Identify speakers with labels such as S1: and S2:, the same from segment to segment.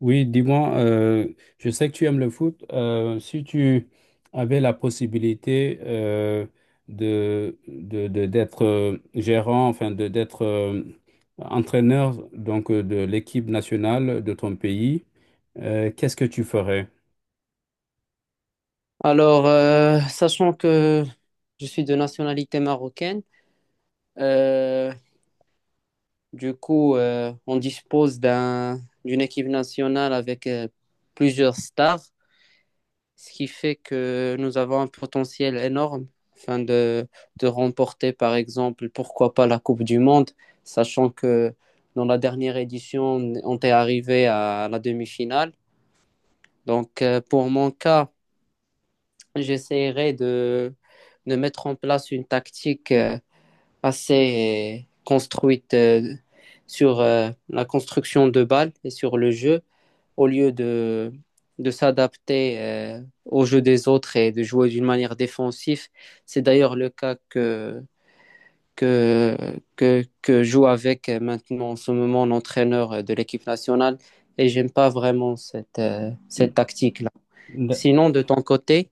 S1: Oui, dis-moi, je sais que tu aimes le foot. Si tu avais la possibilité d'être gérant, enfin de d'être entraîneur donc de l'équipe nationale de ton pays, qu'est-ce que tu ferais?
S2: Sachant que je suis de nationalité marocaine, euh, on dispose d'une équipe nationale avec plusieurs stars, ce qui fait que nous avons un potentiel énorme afin de, de remporter, par exemple, pourquoi pas la Coupe du Monde, sachant que dans la dernière édition, on est arrivé à la demi-finale. Pour mon cas, j'essaierai de mettre en place une tactique assez construite sur la construction de balles et sur le jeu, au lieu de s'adapter au jeu des autres et de jouer d'une manière défensive. C'est d'ailleurs le cas que, que joue avec maintenant en ce moment l'entraîneur de l'équipe nationale, et j'aime pas vraiment cette tactique-là. Sinon, de ton côté,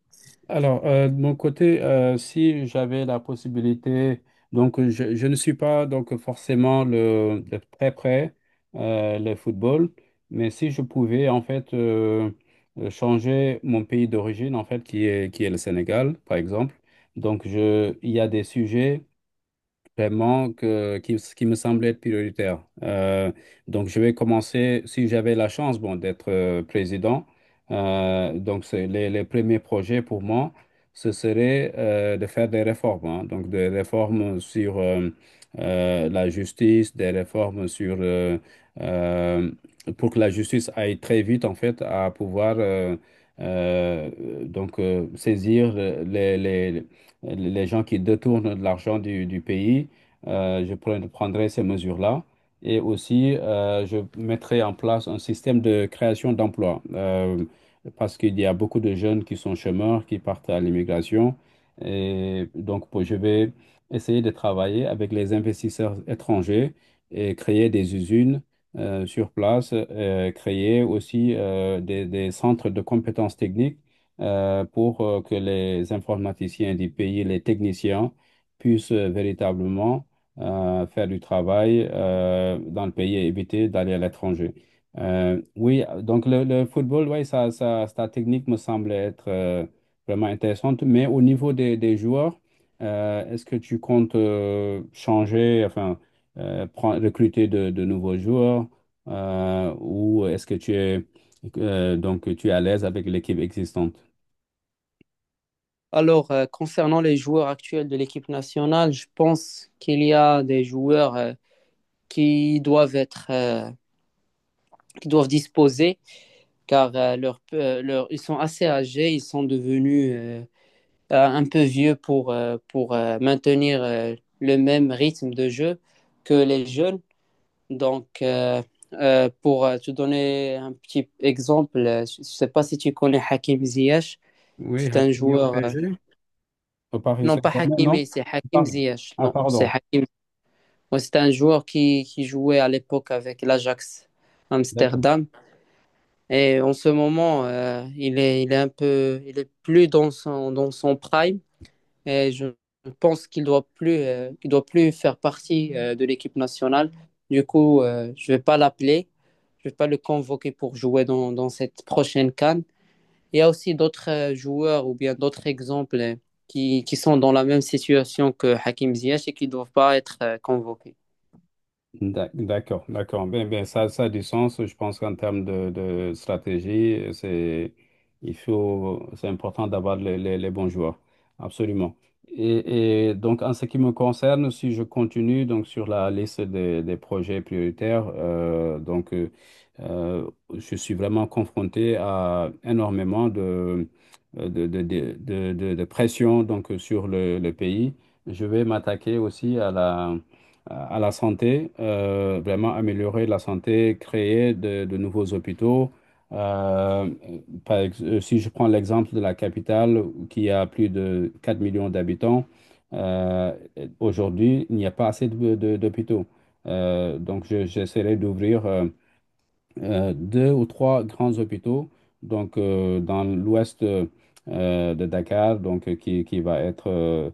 S1: Alors, de mon côté, si j'avais la possibilité, donc je ne suis pas donc forcément le, de très près le football, mais si je pouvais en fait changer mon pays d'origine en fait qui est le Sénégal par exemple, donc je il y a des sujets vraiment qui me semble être prioritaire. Donc, je vais commencer, si j'avais la chance, bon, d'être président. Donc, c'est les premiers projets pour moi, ce serait de faire des réformes, hein. Donc, des réformes sur la justice, des réformes sur... euh, pour que la justice aille très vite, en fait, à pouvoir... euh, donc saisir les gens qui détournent de l'argent du pays, je prendrai ces mesures-là. Et aussi, je mettrai en place un système de création d'emplois. Parce qu'il y a beaucoup de jeunes qui sont chômeurs, qui partent à l'immigration. Et donc, je vais essayer de travailler avec les investisseurs étrangers et créer des usines sur place, créer aussi des centres de compétences techniques pour que les informaticiens du pays, les techniciens, puissent véritablement faire du travail dans le pays et éviter d'aller à l'étranger. Oui, donc le football, oui, sa technique me semble être vraiment intéressante, mais au niveau des joueurs, est-ce que tu comptes changer, enfin, recruter de nouveaux joueurs ou est-ce que tu es, donc, tu es à l'aise avec l'équipe existante?
S2: concernant les joueurs actuels de l'équipe nationale, je pense qu'il y a des joueurs qui doivent qui doivent disposer, car ils sont assez âgés, ils sont devenus un peu vieux pour maintenir le même rythme de jeu que les jeunes. Donc, pour te donner un petit exemple, je ne sais pas si tu connais Hakim Ziyech.
S1: Oui,
S2: C'est un
S1: Hakimi au
S2: joueur,
S1: PSG. Au Paris
S2: non pas
S1: Saint-Germain, non?
S2: Hakimi, c'est Hakim
S1: Pardon.
S2: Ziyech.
S1: Ah,
S2: Non, c'est
S1: pardon.
S2: Hakim. Ouais, c'est un joueur qui jouait à l'époque avec l'Ajax
S1: D'accord.
S2: Amsterdam. Et en ce moment, il est un peu, il est plus dans dans son prime. Et je pense qu'il doit plus, il doit plus faire partie de l'équipe nationale. Je vais pas l'appeler, je vais pas le convoquer pour jouer dans cette prochaine CAN. Il y a aussi d'autres joueurs ou bien d'autres exemples qui sont dans la même situation que Hakim Ziyech et qui ne doivent pas être convoqués.
S1: D'accord, d'accord. Ben, ça a du sens. Je pense qu'en termes de stratégie, c'est, il faut, c'est important d'avoir les bons joueurs. Absolument. Et donc, en ce qui me concerne, si je continue donc sur la liste des projets prioritaires, euh, je suis vraiment confronté à énormément de, de, de, de pression donc, sur le pays. Je vais m'attaquer aussi à la santé, vraiment améliorer la santé, créer de nouveaux hôpitaux. Euh, par ex- si je prends l'exemple de la capitale qui a plus de 4 millions d'habitants, euh, aujourd'hui, il n'y a pas assez d'hôpitaux. Donc, j'essaierai d'ouvrir deux ou trois grands hôpitaux donc dans l'ouest de Dakar donc qui va être euh,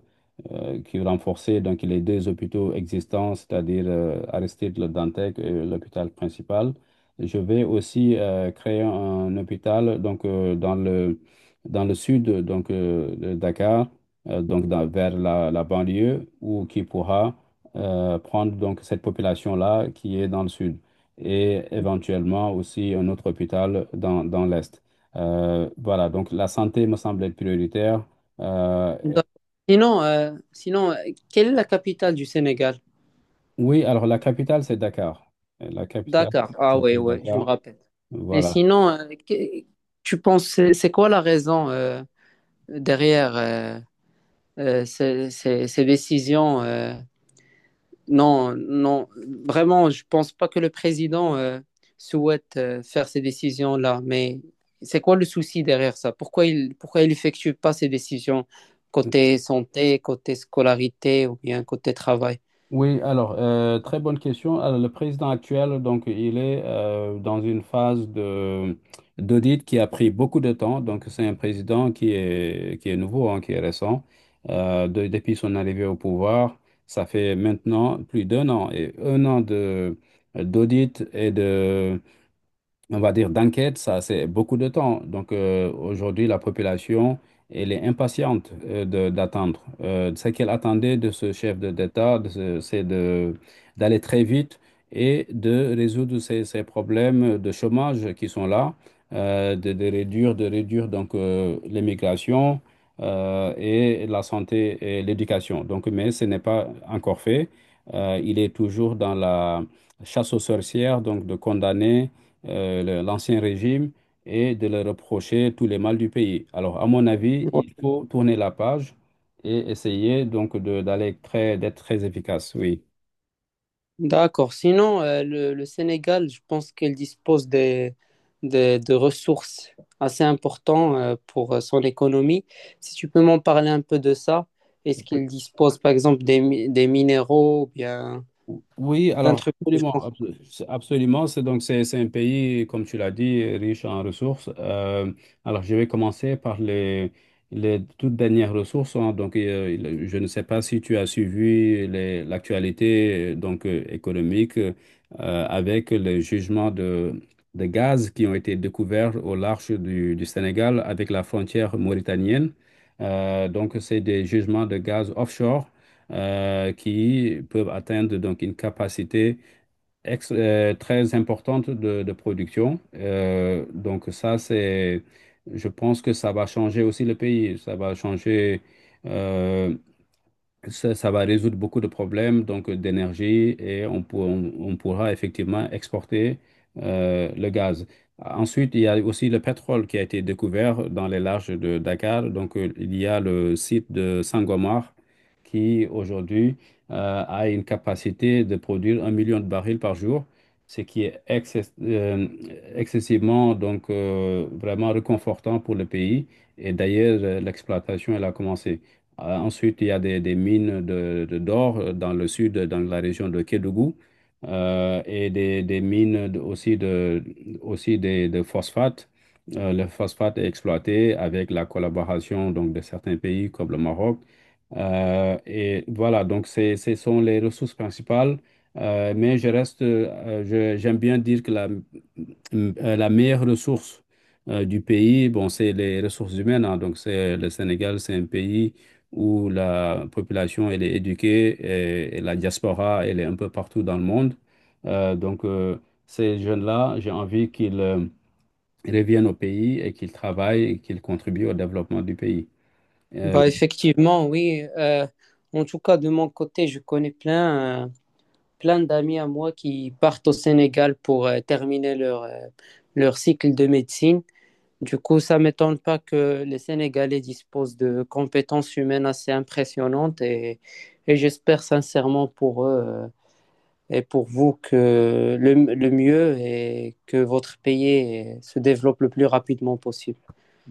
S1: euh, qui est renforcé donc les deux hôpitaux existants, c'est-à-dire Aristide Le Dantec et l'hôpital principal. Je vais aussi créer un hôpital donc dans le sud donc de Dakar, donc vers la banlieue où qui pourra prendre donc cette population-là qui est dans le sud et éventuellement aussi un autre hôpital dans l'Est. Voilà, donc la santé me semble être prioritaire. Euh.
S2: D'accord. Sinon, quelle est la capitale du Sénégal?
S1: Oui, alors la capitale, c'est Dakar. La capitale
S2: Dakar. Ah oui,
S1: s'appelle
S2: ouais, je
S1: Dakar.
S2: me rappelle. Et
S1: Voilà.
S2: sinon, tu penses, c'est quoi la raison derrière ces décisions? Non, non, vraiment, je pense pas que le président souhaite faire ces décisions-là. Mais c'est quoi le souci derrière ça? Pourquoi il effectue pas ces décisions côté santé, côté scolarité ou bien côté travail?
S1: Oui, alors, très bonne question. Alors, le président actuel, donc, il est dans une phase de d'audit qui a pris beaucoup de temps. Donc, c'est un président qui est nouveau, hein, qui est récent. Depuis son arrivée au pouvoir, ça fait maintenant plus d'un an et un an de d'audit et de, on va dire, d'enquête, ça, c'est beaucoup de temps. Donc, aujourd'hui, la population, elle est impatiente d'attendre. Ce qu'elle attendait de ce chef d'État, de ce- c'est de, d'aller très vite et de résoudre ces problèmes de chômage qui sont là, de réduire donc l'immigration et la santé et l'éducation. Donc, mais ce n'est pas encore fait. Il est toujours dans la chasse aux sorcières, donc de condamner l'ancien régime et de leur reprocher tous les mal du pays. Alors, à mon avis,
S2: Ouais.
S1: il faut tourner la page et essayer donc d'aller très, d'être très efficace, oui.
S2: D'accord. Sinon, le Sénégal, je pense qu'il dispose de ressources assez importantes pour son économie. Si tu peux m'en parler un peu de ça, est-ce qu'il dispose par exemple des minéraux ou bien
S1: Oui,
S2: d'un
S1: alors
S2: truc du
S1: absolument,
S2: genre?
S1: absolument. C'est donc c'est un pays, comme tu l'as dit, riche en ressources. Alors je vais commencer par les toutes dernières ressources, hein. Donc je ne sais pas si tu as suivi l'actualité économique, avec les jugements de gaz qui ont été découverts au large du Sénégal avec la frontière mauritanienne. Donc c'est des jugements de gaz offshore qui peuvent atteindre donc une capacité très importante de production. Donc ça, c'est, je pense que ça va changer aussi le pays, ça va changer. euh, Ça, ça va résoudre beaucoup de problèmes donc d'énergie et on, on pourra effectivement exporter le gaz. Ensuite, il y a aussi le pétrole qui a été découvert dans les larges de Dakar. Donc, il y a le site de Sangomar qui aujourd'hui a une capacité de produire 1 million de barils par jour, ce qui est excessivement donc vraiment réconfortant pour le pays. Et d'ailleurs, l'exploitation elle a commencé. Ensuite, il y a des mines d'or dans le sud, dans la région de Kédougou, et des mines de phosphates. Le phosphate est exploité avec la collaboration donc, de certains pays comme le Maroc. Et voilà, donc ce sont les ressources principales. Mais je reste, j'aime bien dire que la meilleure ressource du pays, bon, c'est les ressources humaines, hein. Donc c'est le Sénégal, c'est un pays où la population elle est éduquée et la diaspora elle est un peu partout dans le monde. Euh, donc euh, ces jeunes-là, j'ai envie qu'ils reviennent au pays et qu'ils travaillent et qu'ils contribuent au développement du pays. Euh.
S2: Bah, effectivement, oui. En tout cas, de mon côté, je connais plein d'amis à moi qui partent au Sénégal pour terminer leur cycle de médecine. Du coup, ça ne m'étonne pas que les Sénégalais disposent de compétences humaines assez impressionnantes, et j'espère sincèrement pour eux et pour vous que le mieux est que votre pays se développe le plus rapidement possible.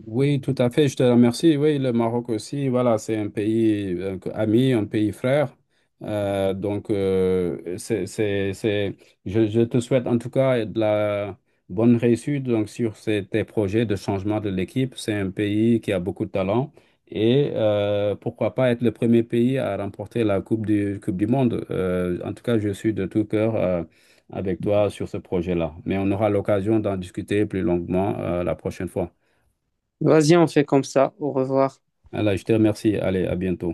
S1: Oui, tout à fait, je te remercie. Oui, le Maroc aussi, voilà, c'est un pays ami, un pays frère. Euh, donc, euh, c'est, c'est, c'est- je te souhaite en tout cas de la bonne réussite donc, sur tes projets de changement de l'équipe. C'est un pays qui a beaucoup de talent et pourquoi pas être le premier pays à remporter la Coupe du Monde. En tout cas, je suis de tout cœur avec toi sur ce projet-là. Mais on aura l'occasion d'en discuter plus longuement la prochaine fois.
S2: Vas-y, on fait comme ça. Au revoir.
S1: Alors, je te remercie. Allez, à bientôt.